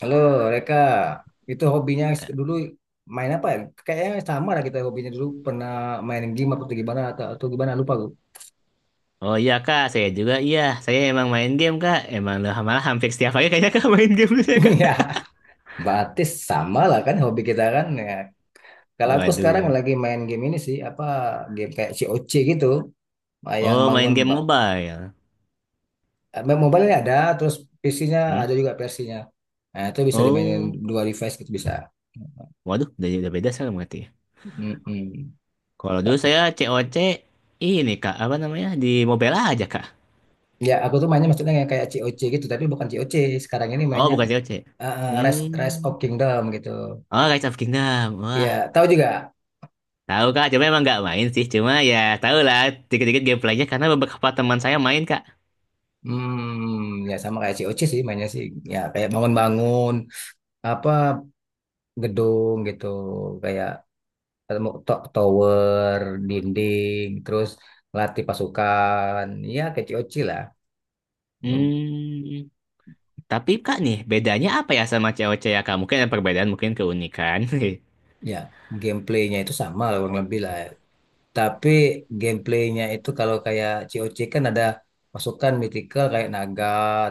Halo, Reka. Itu hobinya Eh, dulu main apa ya? Kayaknya sama lah kita hobinya dulu pernah main game apa atau gimana atau gimana lupa gue. Oh iya kak, saya juga iya. Saya emang main game kak. Emang lah malah hampir setiap hari kayaknya kak main game saya kak. Iya, batis sama lah kan hobi kita kan. Ya. Kalau aku sekarang Waduh. lagi main game ini sih apa game kayak C O C gitu, yang Oh bangun main game mobile. Mobile ini ada, terus PC-nya Hmm? ada juga versinya. Nah, itu bisa dimainin Oh, dua device gitu bisa. waduh udah beda saya berarti. Ya. Mm-mm. Kalau dulu saya C O C ini kak apa namanya di mobile aja kak. Ya, aku tuh mainnya maksudnya yang kayak C O C gitu, tapi bukan C O C. Sekarang ini Oh mainnya bukan C O C. Rise Rise of Hmm. Kingdom gitu. Oh Rise of Kingdom. Wah Ya, tahu juga. tahu kak. Cuma emang nggak main sih. Cuma ya tahu lah dikit-dikit gameplaynya karena beberapa teman saya main kak. Hmm, ya sama kayak C O C sih mainnya sih. Ya kayak bangun-bangun apa gedung gitu, kayak ketemu tower, dinding, terus latih pasukan. Ya kayak C O C lah. Hmm. Tapi Kak nih, bedanya apa ya sama cewek-cewek ya, Kak? Mungkin ada perbedaan, mungkin keunikan. Ya, gameplaynya itu sama lah kurang lebih lah. Tapi gameplaynya itu kalau kayak C O C kan ada masukan mythical kayak naga,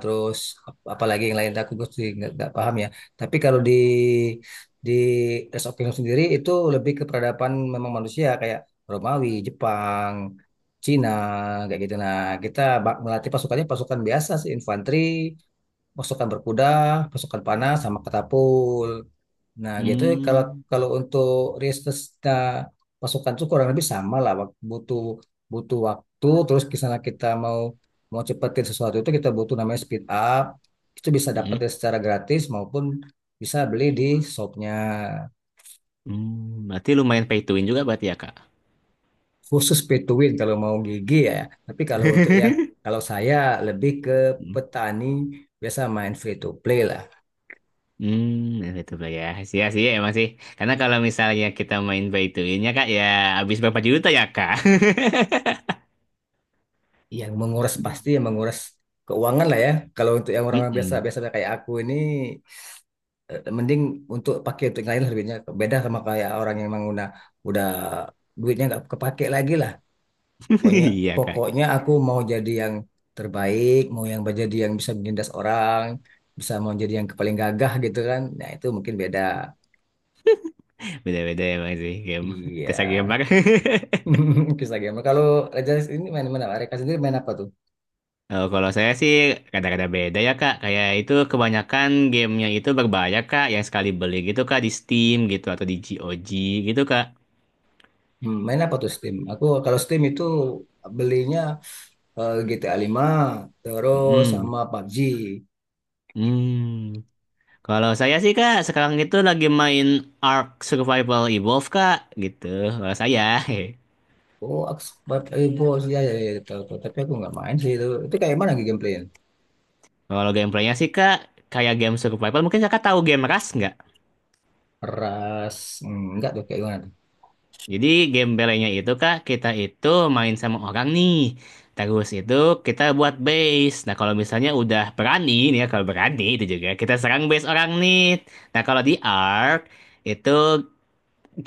terus apalagi yang lain gue sih nggak paham ya. Tapi kalau di Rise of Kingdom sendiri itu lebih ke peradaban memang manusia kayak Romawi, Jepang, Cina kayak gitu. Nah, kita melatih pasukannya pasukan biasa sih infanteri, pasukan berkuda, pasukan panah, sama katapul. Nah, gitu kalau Hmm. kalau untuk Ristus nah, pasukan itu kurang lebih sama lah. Butuh butuh waktu. Terus misalnya kita mau mau cepetin sesuatu itu kita butuh namanya speed up. Itu bisa dapetin Hmm. secara gratis maupun bisa beli di shopnya Hmm. Berarti lumayan pay to win juga berarti ya, Kak? khusus pay to win kalau mau gigi ya. Tapi kalau untuk yang kalau saya lebih ke Hmm. petani biasa main free to play lah. Hmm, nah, itu ya. Sih, sih, emang sih. Karena kalau misalnya kita main pay to win-nya, Kak, ya habis berapa juta ya, Kak? Yang menguras pasti yang menguras keuangan lah ya. Kalau untuk yang orang biasa Mm-mm. biasa kayak aku ini mending untuk pakai untuk yang lain lah duitnya. Beda sama kayak orang yang emang udah duitnya nggak kepake lagi lah. Pokoknya Iya, Kak. pokoknya aku mau jadi yang terbaik, mau yang jadi yang bisa menindas orang, bisa mau jadi yang paling gagah gitu kan. Nah, itu mungkin beda. Beda-beda emang sih game. Tesa Iya. gambar. Kisah game. Kalau Raja ini main mana? Mereka sendiri main apa tuh? Kalau saya sih kadang-kadang beda ya Kak. Kayak itu kebanyakan gamenya itu berbayar Kak. Yang sekali beli gitu Kak di Steam gitu atau di GOG gitu Kak. Main apa tuh Steam? Aku kalau Steam itu belinya GTA 5 terus mm sama PUBG. Hmm. Kalau saya sih Kak sekarang itu lagi main Ark Survival Evolved Kak gitu. Kalau saya. Oh, aku sempat bos ya, ya, ya, ya, tahu, tahu. Tapi aku nggak main sih itu. Itu kayak mana lagi gameplaynya? Kalau gameplaynya sih Kak kayak game survival mungkin Kakak tahu game Rust nggak? Keras, nggak tuh kayak gimana tuh? Jadi game belenya itu kak kita itu main sama orang nih. Terus itu kita buat base. Nah kalau misalnya udah berani nih ya kalau berani itu juga kita serang base orang nih. Nah kalau di Ark itu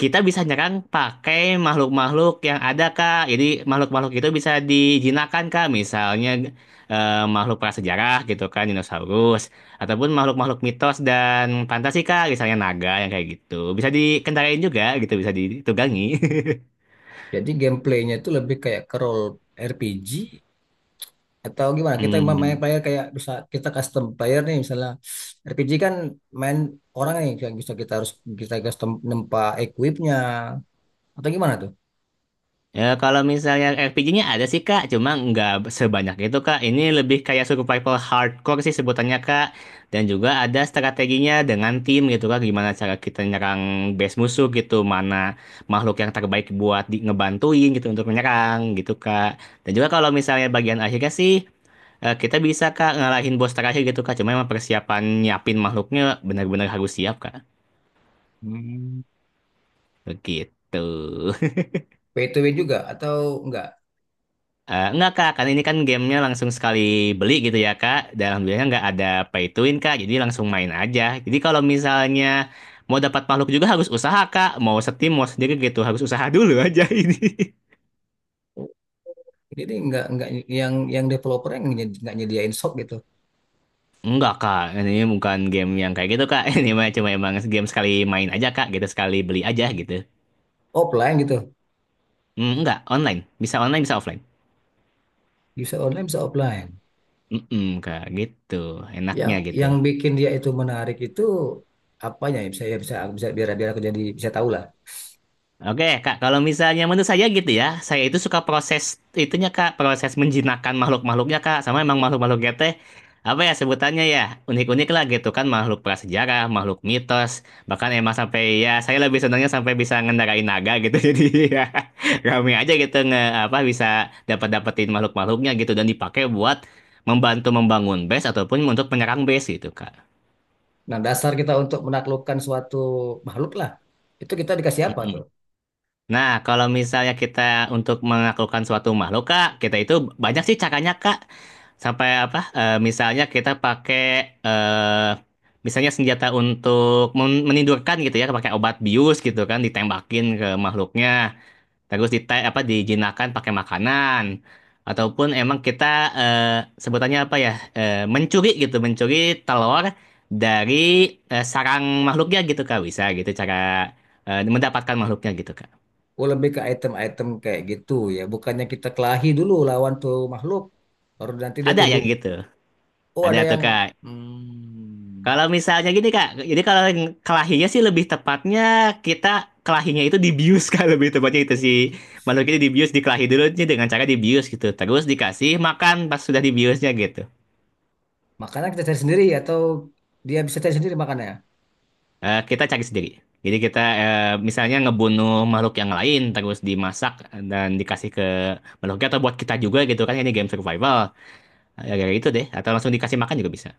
kita bisa nyerang pakai makhluk-makhluk yang ada kak. Jadi makhluk-makhluk itu bisa dijinakan kak. Misalnya makhluk prasejarah gitu kan dinosaurus ataupun makhluk-makhluk mitos dan fantasi kak. Misalnya naga yang kayak gitu. Bisa dikendarain juga gitu bisa ditunggangi. Jadi gameplaynya itu lebih kayak ke role RPG atau gimana? Kita main Hmm. player kayak bisa kita custom player nih misalnya RPG kan main orang nih yang bisa kita custom nempa equipnya atau gimana tuh? Ya kalau misalnya RPG-nya ada sih Kak, cuma nggak sebanyak itu Kak. Ini lebih kayak survival hardcore sih sebutannya Kak. Dan juga ada strateginya dengan tim gitu Kak, gimana cara kita nyerang base musuh gitu, mana makhluk yang terbaik buat di ngebantuin gitu untuk menyerang gitu Kak. Dan juga kalau misalnya bagian akhirnya sih kita bisa Kak ngalahin bos terakhir gitu Kak. Cuma emang persiapan nyiapin makhluknya benar-benar harus siap Kak. Hmm. Begitu. Pay to win juga atau enggak? Enggak, Kak, kan ini kan gamenya langsung sekali beli gitu ya, Kak, dan alhamdulillahnya nggak ada pay to win, Kak, jadi langsung main aja. Jadi kalau misalnya mau dapat makhluk juga harus usaha, Kak, mau setim, mau sendiri gitu, harus usaha dulu aja ini. Jadi enggak yang developer yang enggak nyediain shop gitu. Enggak, Kak, ini bukan game yang kayak gitu, Kak, ini mah cuma emang game sekali main aja, Kak, gitu, sekali beli aja gitu. Offline gitu. Mmm, enggak, online, bisa offline. Bisa online bisa offline. Mhm, Kak, gitu, Yang enaknya gitu. yang bikin dia itu menarik itu apanya ya bisa bisa biar biar aku jadi bisa tahu lah. Oke, Kak, kalau misalnya menurut saya gitu ya, saya itu suka proses itunya, Kak, proses menjinakkan makhluk-makhluknya, Kak, sama emang makhluk-makhluknya teh apa ya sebutannya ya, unik-unik lah gitu kan, makhluk prasejarah, makhluk mitos, bahkan emang sampai ya saya lebih senangnya sampai bisa ngendarain naga gitu. Jadi ya rame aja gitu nge apa bisa dapat-dapetin makhluk-makhluknya gitu dan dipakai buat membantu membangun base ataupun untuk menyerang base gitu, Kak. Nah, dasar kita untuk menaklukkan suatu makhluk lah. Itu kita dikasih apa tuh? Nah, kalau misalnya kita untuk menaklukkan suatu makhluk, Kak, kita itu banyak sih caranya, Kak. Sampai apa? Misalnya kita pakai eh misalnya senjata untuk menidurkan gitu ya, pakai obat bius gitu kan, ditembakin ke makhluknya. Terus dite apa dijinakan pakai makanan. Ataupun emang kita eh, sebutannya apa ya? Mencuri gitu, mencuri telur dari sarang makhluknya gitu, Kak. Bisa gitu cara mendapatkan makhluknya gitu, Kak. Oh, lebih ke item-item kayak gitu ya. Bukannya kita kelahi dulu lawan tuh makhluk. Baru nanti dia Ada yang tunduk. gitu. Oh, Ada ada tuh yang, Kak. hmm. Kalau misalnya gini Kak, jadi kalau yang kelahinya sih lebih tepatnya kita kelahinya itu dibius Kak, lebih tepatnya itu sih. Makhluk itu dibius, dikelahi dulu nih dengan cara dibius gitu. Terus dikasih makan pas sudah dibiusnya gitu. Makanan kita cari sendiri atau dia bisa cari sendiri makanannya? Eh, kita cari sendiri. Jadi kita misalnya ngebunuh makhluk yang lain terus dimasak dan dikasih ke makhluknya atau buat kita juga gitu kan ini game survival. Ya kayak gitu deh atau langsung dikasih makan juga bisa.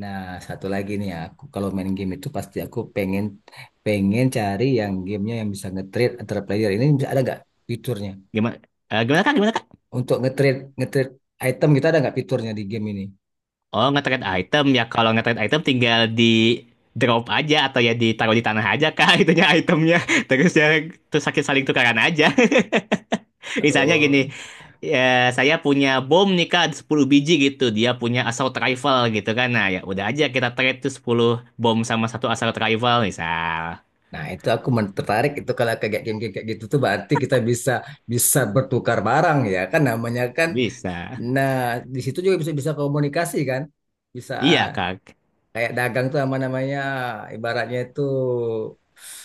Nah, satu lagi nih ya, aku kalau main game itu pasti aku pengen pengen cari yang gamenya yang bisa nge-trade antara player. Ini bisa ada nggak fiturnya? Gimana gimana Kak? Gimana Kak? Untuk nge-trade item kita ada nggak fiturnya di game ini? Oh, nge-trade item ya. Kalau nge-trade item tinggal di drop aja atau ya ditaruh di tanah aja kak itunya itemnya. Terus ya terus sakit saling tukaran aja. Misalnya Oh. gini, ya, saya punya bom nih kak 10 biji gitu. Dia punya assault rifle gitu kan. Nah, ya udah aja kita trade tuh 10 bom sama satu assault rifle misal. Nah, itu aku tertarik itu kalau kayak game-game kayak gitu tuh berarti kita bisa bisa bertukar barang ya kan namanya kan. Bisa. Nah, di situ juga bisa bisa komunikasi kan? Bisa Iya kak. kayak dagang tuh apa namanya? Ibaratnya itu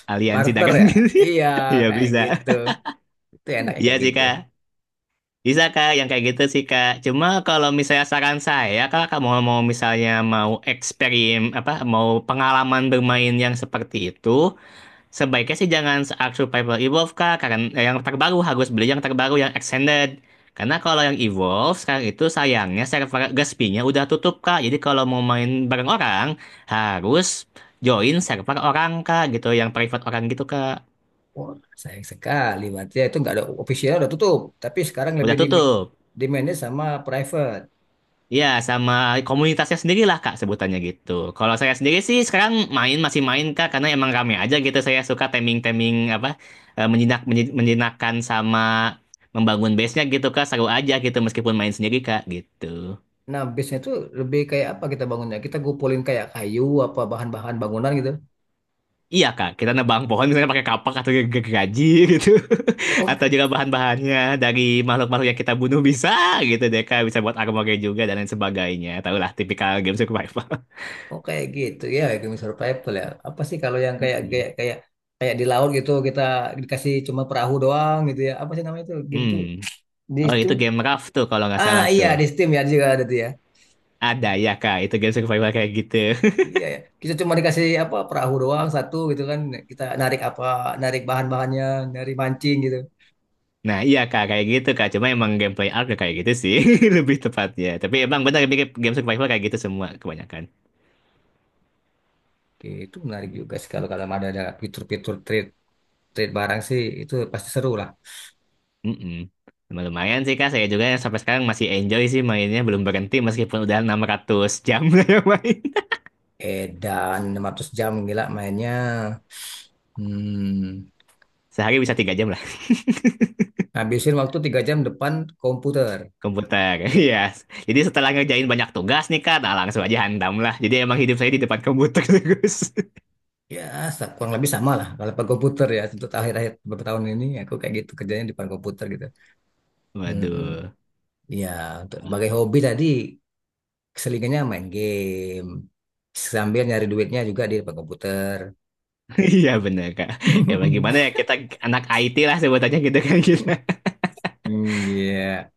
Aliansi barter dagang. ya. Iya, Iya kayak bisa. gitu. Itu enaknya Iya kayak sih gitu. kak. Bisa kak, yang kayak gitu sih kak. Cuma kalau misalnya saran saya, kak, kamu mau misalnya mau eksperimen apa, mau pengalaman bermain yang seperti itu, sebaiknya sih jangan Ark Survival Evolve kak, karena yang terbaru harus beli yang terbaru yang extended. Karena kalau yang Evolve sekarang itu sayangnya server Gaspinya udah tutup kak. Jadi kalau mau main bareng orang harus join server orang kak, gitu, yang private orang gitu kak. Wah, sayang sekali. Berarti itu nggak ada official udah tutup. Tapi sekarang lebih Udah tutup. dimanage sama private. Ya, sama komunitasnya sendiri lah Kak sebutannya gitu. Kalau saya sendiri sih sekarang main masih main Kak karena emang rame aja gitu. Saya suka teming-teming apa menjinakkan sama membangun base-nya gitu Kak. Seru aja gitu meskipun main sendiri Kak gitu. Nah, bisnya itu lebih kayak apa kita bangunnya? Kita gupulin kayak kayu apa bahan-bahan bangunan gitu. Iya Kak, kita nebang pohon misalnya pakai kapak atau gergaji gitu. Oke, Atau juga bahan-bahannya dari makhluk-makhluk yang kita bunuh bisa gitu deh Kak. Bisa buat armor juga dan lain sebagainya. Tahulah tipikal game survival. oh, kayak gitu ya, kayak survival ya. Apa sih kalau yang kayak Mm-mm. kayak kayak kayak di laut gitu kita dikasih cuma perahu doang gitu ya. Apa sih namanya itu? Game tuh Hmm. di Oh, situ. itu game Raft tuh kalau nggak Ah salah iya tuh. di Steam ya juga ada tuh ya. Ada ya, Kak. Itu game survival kayak gitu. Iya ya. Kita cuma dikasih apa perahu doang satu gitu kan. Kita narik apa narik bahan-bahannya, narik mancing gitu. Nah, iya, Kak. Kayak gitu, Kak. Cuma emang gameplay arc kayak gitu sih. Lebih tepatnya. Tapi emang benar mirip game survival kayak gitu semua kebanyakan. Oke, itu menarik juga sih kalau kalau ada fitur-fitur trade trade barang sih itu pasti seru lah. Mm-mm. Cuma Lumayan sih, Kak. Saya juga yang sampai sekarang masih enjoy sih mainnya. Belum berhenti meskipun udah 600 jam lah main. Edan 600 jam gila mainnya. Hmm, Sehari bisa 3 jam lah. habisin waktu 3 jam depan komputer. Komputer. Iya. Jadi setelah ngerjain banyak tugas nih, Kak. Nah, langsung aja hantam lah. Jadi emang hidup saya di depan komputer terus. Ya, kurang lebih sama lah kalau depan komputer ya. Untuk akhir-akhir beberapa tahun ini aku kayak gitu kerjanya di depan komputer gitu. Hmm, hmm. Waduh. Ya, untuk sebagai hobi tadi selingannya main game. Sambil nyari duitnya juga di depan komputer. Iya bener Kak. Ya bagaimana ya kita anak IT lah sebutannya gitu kan kita. Hmm, iya.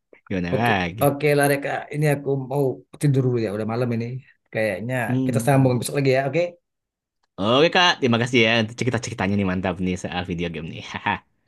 Gimana Oke, lagi? oke lah Reka. Ini aku mau tidur dulu ya. Udah malam ini. Kayaknya kita sambung Hmm. besok lagi ya. Oke. Oke Kak, terima kasih ya untuk cerita-ceritanya nih mantap nih soal video game nih.